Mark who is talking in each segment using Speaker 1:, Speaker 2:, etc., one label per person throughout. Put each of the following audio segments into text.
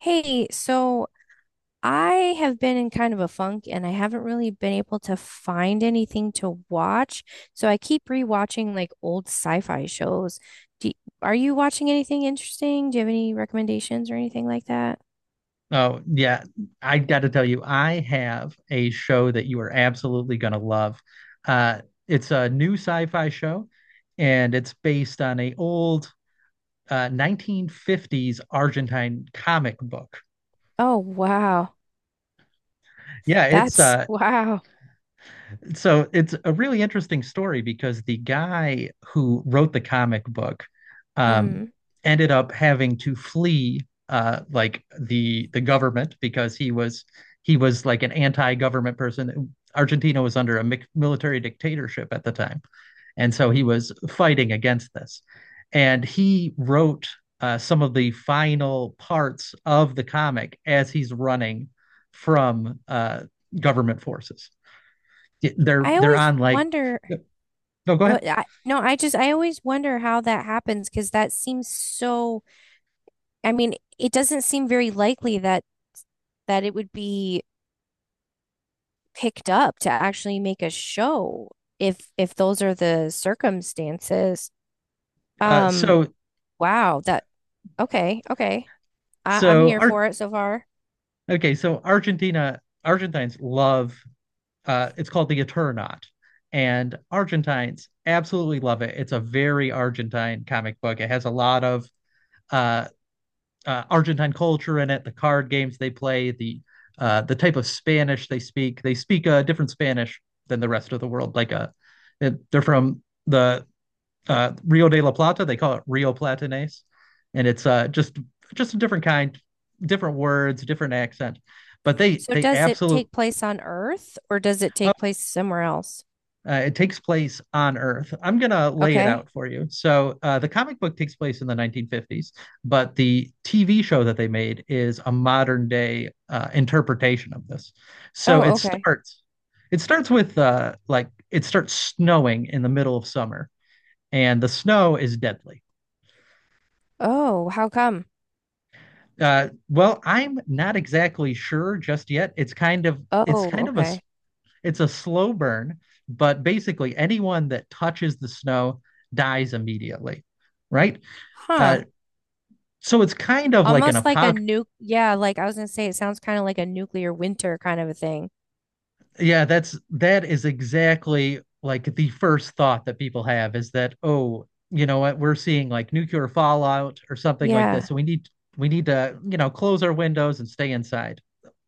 Speaker 1: Hey, so I have been in kind of a funk and I haven't really been able to find anything to watch. So I keep rewatching like old sci-fi shows. Do Are you watching anything interesting? Do you have any recommendations or anything like that?
Speaker 2: Oh, yeah. I got to tell you, I have a show that you are absolutely going to love. Uh, it's a new sci-fi show, and it's based on a old 1950s Argentine comic book.
Speaker 1: Oh, wow.
Speaker 2: Yeah, it's
Speaker 1: That's wow.
Speaker 2: so it's a really interesting story because the guy who wrote the comic book um,
Speaker 1: Hmm.
Speaker 2: ended up having to flee like the government because he was like an anti-government person. Argentina was under a military dictatorship at the time, and so he was fighting against this. And he wrote some of the final parts of the comic as he's running from government forces. Yeah, they're
Speaker 1: I
Speaker 2: they're
Speaker 1: always
Speaker 2: on like
Speaker 1: wonder
Speaker 2: no, go ahead.
Speaker 1: what I, no, I just I always wonder how that happens because that seems so. I mean, it doesn't seem very likely that it would be picked up to actually make a show if those are the circumstances. Um,
Speaker 2: So
Speaker 1: wow, that okay, okay. I'm
Speaker 2: so
Speaker 1: here
Speaker 2: art
Speaker 1: for it so far.
Speaker 2: Okay, so argentina Argentines love, it's called the Eternaut, and Argentines absolutely love it. It's a very Argentine comic book. It has a lot of uh, Argentine culture in it, the card games they play, the type of Spanish they speak. They speak a different Spanish than the rest of the world, like a they're from the Rio de la Plata. They call it Rio Platanés, and it's just a different kind, different words, different accent. But they
Speaker 1: So
Speaker 2: they
Speaker 1: does it
Speaker 2: absolutely
Speaker 1: take place on Earth or does it take place somewhere else?
Speaker 2: it takes place on Earth. I'm gonna lay it
Speaker 1: Okay.
Speaker 2: out for you. So the comic book takes place in the 1950s, but the TV show that they made is a modern day interpretation of this. So
Speaker 1: Oh,
Speaker 2: it
Speaker 1: okay.
Speaker 2: starts it starts with like it starts snowing in the middle of summer, and the snow is deadly.
Speaker 1: Oh, how come?
Speaker 2: Well, I'm not exactly sure just yet. It's
Speaker 1: Oh,
Speaker 2: kind of a
Speaker 1: okay.
Speaker 2: it's a slow burn, but basically anyone that touches the snow dies immediately, right?
Speaker 1: Huh.
Speaker 2: Uh, so it's kind of like an
Speaker 1: Almost like a
Speaker 2: apocalypse.
Speaker 1: nuke. Yeah, like I was gonna say, it sounds kind of like a nuclear winter kind of a thing.
Speaker 2: Yeah, that's that is exactly like the first thought that people have, is that, oh, you know what, we're seeing like nuclear fallout or something like this.
Speaker 1: Yeah.
Speaker 2: So we need to, you know, close our windows and stay inside.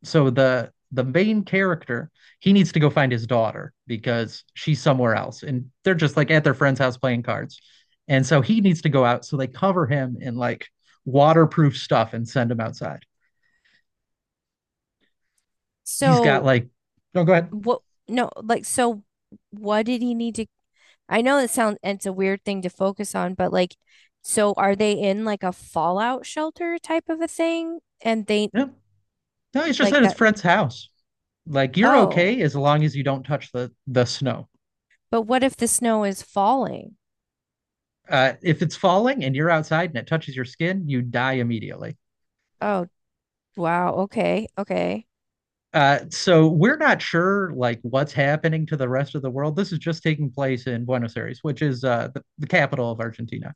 Speaker 2: So the main character, he needs to go find his daughter because she's somewhere else and they're just like at their friend's house playing cards. And so he needs to go out. So they cover him in like waterproof stuff and send him outside. He's got
Speaker 1: So
Speaker 2: like, no, go ahead.
Speaker 1: what? No, like so. What did he need to? I know it sounds it's a weird thing to focus on, but like, so are they in like a fallout shelter type of a thing? And they
Speaker 2: Yeah. No, he's just
Speaker 1: like
Speaker 2: at his
Speaker 1: that.
Speaker 2: friend's house. Like you're
Speaker 1: Oh,
Speaker 2: okay as long as you don't touch the snow.
Speaker 1: but what if the snow is falling?
Speaker 2: If it's falling and you're outside and it touches your skin, you die immediately.
Speaker 1: Oh, wow. Okay. Okay.
Speaker 2: So we're not sure like what's happening to the rest of the world. This is just taking place in Buenos Aires, which is the capital of Argentina.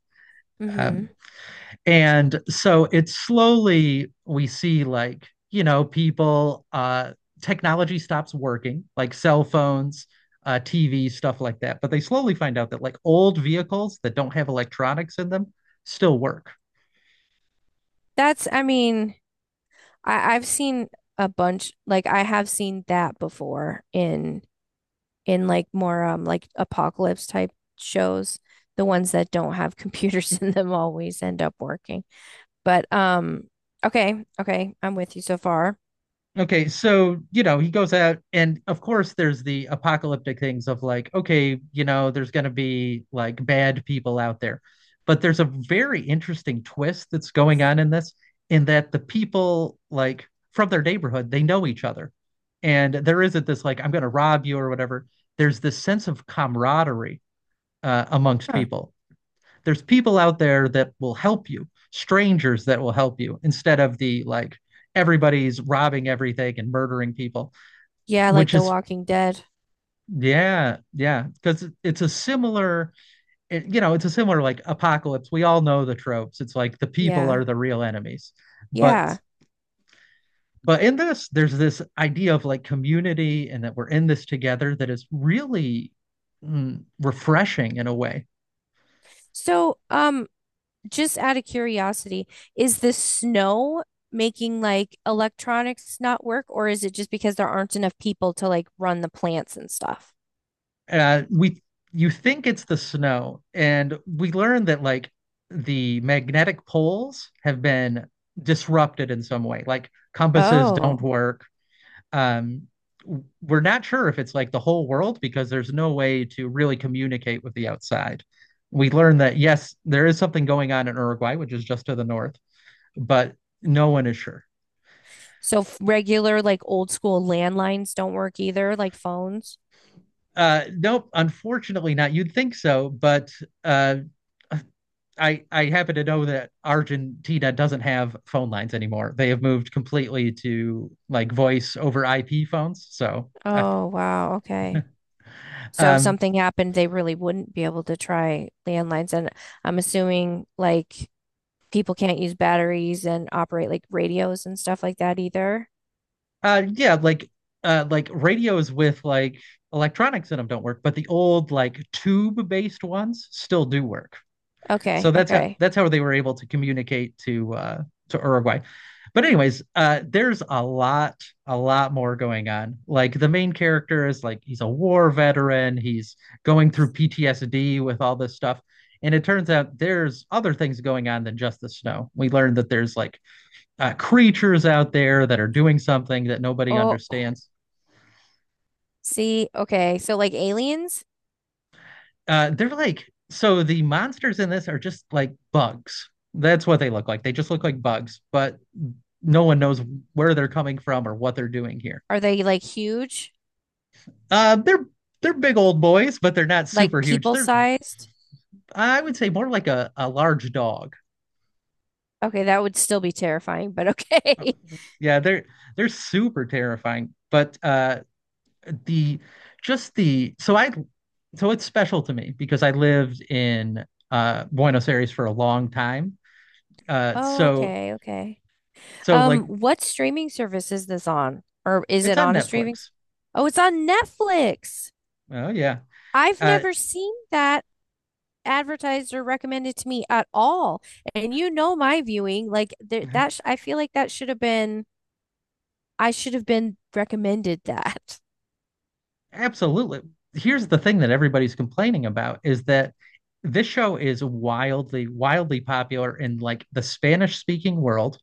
Speaker 1: Mm-hmm.
Speaker 2: Um, And so it's slowly we see like, you know, people, technology stops working, like cell phones, uh, TV, stuff like that. But they slowly find out that like old vehicles that don't have electronics in them still work.
Speaker 1: That's, I mean, I've seen a bunch, like I have seen that before in like more like apocalypse type shows. The ones that don't have computers in them always end up working. But okay, okay, I'm with you so far.
Speaker 2: Okay, so you know, he goes out, and of course, there's the apocalyptic things of like, okay, you know, there's going to be like bad people out there. But there's a very interesting twist that's going on in this, in that the people, like from their neighborhood, they know each other. And there isn't this like, I'm going to rob you or whatever. There's this sense of camaraderie amongst
Speaker 1: Huh.
Speaker 2: people. There's people out there that will help you, strangers that will help you, instead of the like everybody's robbing everything and murdering people,
Speaker 1: Yeah, like
Speaker 2: which
Speaker 1: The
Speaker 2: is
Speaker 1: Walking Dead.
Speaker 2: yeah, yeah, because it's a similar, it, you know, it's a similar like apocalypse. We all know the tropes. It's like the people
Speaker 1: Yeah,
Speaker 2: are the real enemies, but
Speaker 1: yeah.
Speaker 2: but in this, there's this idea of like community and that we're in this together that is really refreshing in a way.
Speaker 1: So just out of curiosity, is the snow making like electronics not work, or is it just because there aren't enough people to like run the plants and stuff?
Speaker 2: We you think it's the snow, and we learned that like the magnetic poles have been disrupted in some way. Like compasses
Speaker 1: Oh,
Speaker 2: don't work. Um, we're not sure if it's like the whole world because there's no way to really communicate with the outside. We learned that yes, there is something going on in Uruguay, which is just to the north, but no one is sure.
Speaker 1: so regular like old school landlines don't work either, like phones.
Speaker 2: Nope, unfortunately not. You'd think so, but uh, I happen to know that Argentina doesn't have phone lines anymore. They have moved completely to like voice over IP phones. So,
Speaker 1: Oh, wow. Okay. So if
Speaker 2: um,
Speaker 1: something happened, they really wouldn't be able to try landlines. And I'm assuming like people can't use batteries and operate like radios and stuff like that either.
Speaker 2: yeah, like radios with like electronics in them don't work, but the old like tube based ones still do work.
Speaker 1: Okay,
Speaker 2: So that's how
Speaker 1: okay.
Speaker 2: that's how they were able to communicate to Uruguay. But anyways, there's a lot more going on. Like the main character is like he's a war veteran. He's going through PTSD with all this stuff. And it turns out there's other things going on than just the snow. We learned that there's like creatures out there that are doing something that nobody
Speaker 1: Oh,
Speaker 2: understands.
Speaker 1: see, okay. So like aliens,
Speaker 2: They're like, so the monsters in this are just like bugs. That's what they look like. They just look like bugs, but no one knows where they're coming from or what they're doing here.
Speaker 1: are they like huge?
Speaker 2: Uh, they're they're big old boys, but they're not
Speaker 1: Like
Speaker 2: super huge.
Speaker 1: people
Speaker 2: They're
Speaker 1: sized?
Speaker 2: I would say more like a large dog.
Speaker 1: Okay, that would still be terrifying, but okay.
Speaker 2: Yeah, they're super terrifying. But the just the so I so it's special to me because I lived in Buenos Aires for a long time.
Speaker 1: Oh,
Speaker 2: So
Speaker 1: okay, okay.
Speaker 2: so like
Speaker 1: What streaming service is this on? Or is
Speaker 2: it's
Speaker 1: it
Speaker 2: on
Speaker 1: on a streaming?
Speaker 2: Netflix.
Speaker 1: Oh, it's on Netflix.
Speaker 2: Oh yeah.
Speaker 1: I've
Speaker 2: Uh,
Speaker 1: never seen that advertised or recommended to me at all. And you know my viewing, like there, that sh I feel like that should have been. I should have been recommended that.
Speaker 2: absolutely. Here's the thing that everybody's complaining about is that this show is wildly, wildly popular in like the Spanish speaking world,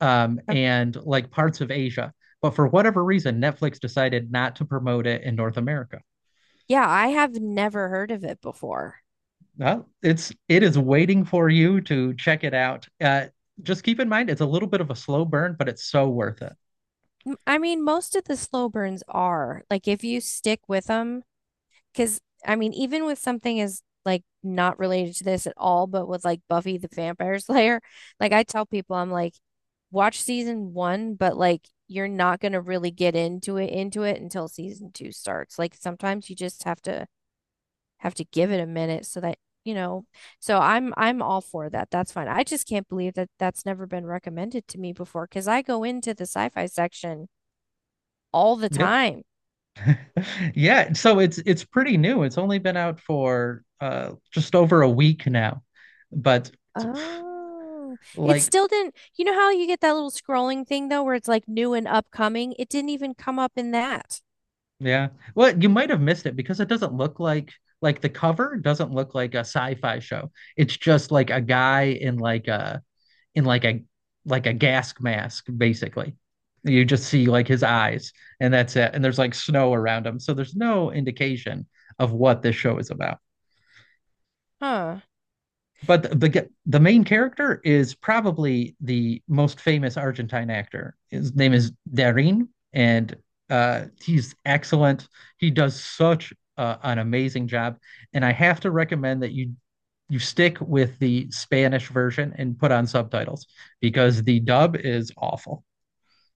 Speaker 1: Oh,
Speaker 2: and like parts of Asia. But for whatever reason, Netflix decided not to promote it in North America.
Speaker 1: yeah, I have never heard of it before.
Speaker 2: Well, it is waiting for you to check it out. Just keep in mind it's a little bit of a slow burn, but it's so worth it.
Speaker 1: I mean, most of the slow burns are like if you stick with them. Because, I mean, even with something as like not related to this at all, but with like Buffy the Vampire Slayer, like I tell people, I'm like, watch season one, but like you're not going to really get into it until season two starts. Like sometimes you just have to give it a minute so that you know. So I'm all for that. That's fine. I just can't believe that that's never been recommended to me before because I go into the sci-fi section all the
Speaker 2: Yep.
Speaker 1: time.
Speaker 2: Yeah, so it's pretty new. It's only been out for uh, just over a week now. But
Speaker 1: Oh, it
Speaker 2: like
Speaker 1: still didn't. You know how you get that little scrolling thing though, where it's like new and upcoming? It didn't even come up in that.
Speaker 2: yeah. Well, you might have missed it because it doesn't look like the cover doesn't look like a sci-fi show. It's just like a guy in in like a like a gas mask basically. You just see like his eyes and that's it. And there's like snow around him. So there's no indication of what this show is about.
Speaker 1: Huh.
Speaker 2: But the main character is probably the most famous Argentine actor. His name is Darín, and he's excellent. He does such an amazing job, and I have to recommend that you stick with the Spanish version and put on subtitles because the dub is awful.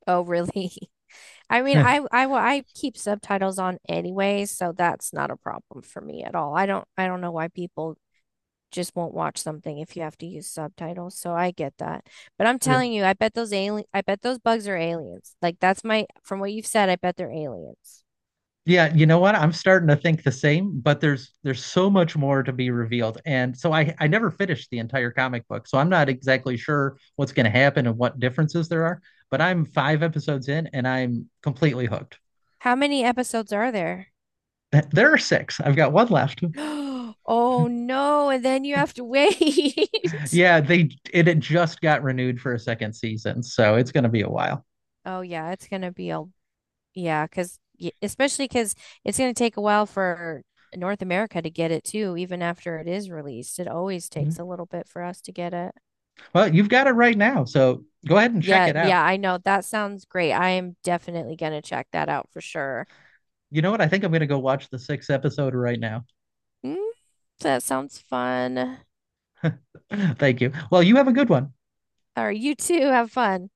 Speaker 1: Oh, really? I mean, I, I, wa- I keep subtitles on anyway, so that's not a problem for me at all. I don't know why people just won't watch something if you have to use subtitles. So I get that. But I'm
Speaker 2: Yeah.
Speaker 1: telling you, I bet those alien I bet those bugs are aliens. Like that's my from what you've said, I bet they're aliens.
Speaker 2: Yeah, you know what? I'm starting to think the same, but there's so much more to be revealed. And so I never finished the entire comic book. So I'm not exactly sure what's going to happen and what differences there are, but I'm five episodes in and I'm completely hooked.
Speaker 1: How many episodes are there?
Speaker 2: There are six. I've got one left.
Speaker 1: Oh no, and then you have to wait.
Speaker 2: Yeah, they it had just got renewed for a second season, so it's going to be a while.
Speaker 1: Oh yeah, it's gonna be a yeah, cause especially because it's gonna take a while for North America to get it too, even after it is released. It always takes
Speaker 2: Mhm.
Speaker 1: a little bit for us to get it.
Speaker 2: Well, you've got it right now, so go ahead and check
Speaker 1: Yeah,
Speaker 2: it out.
Speaker 1: yeah, I know. That sounds great. I am definitely gonna check that out for sure.
Speaker 2: You know what? I think I'm going to go watch the sixth episode right now.
Speaker 1: Mm, that sounds fun.
Speaker 2: Thank you. Well, you have a good one.
Speaker 1: All right, you too. Have fun.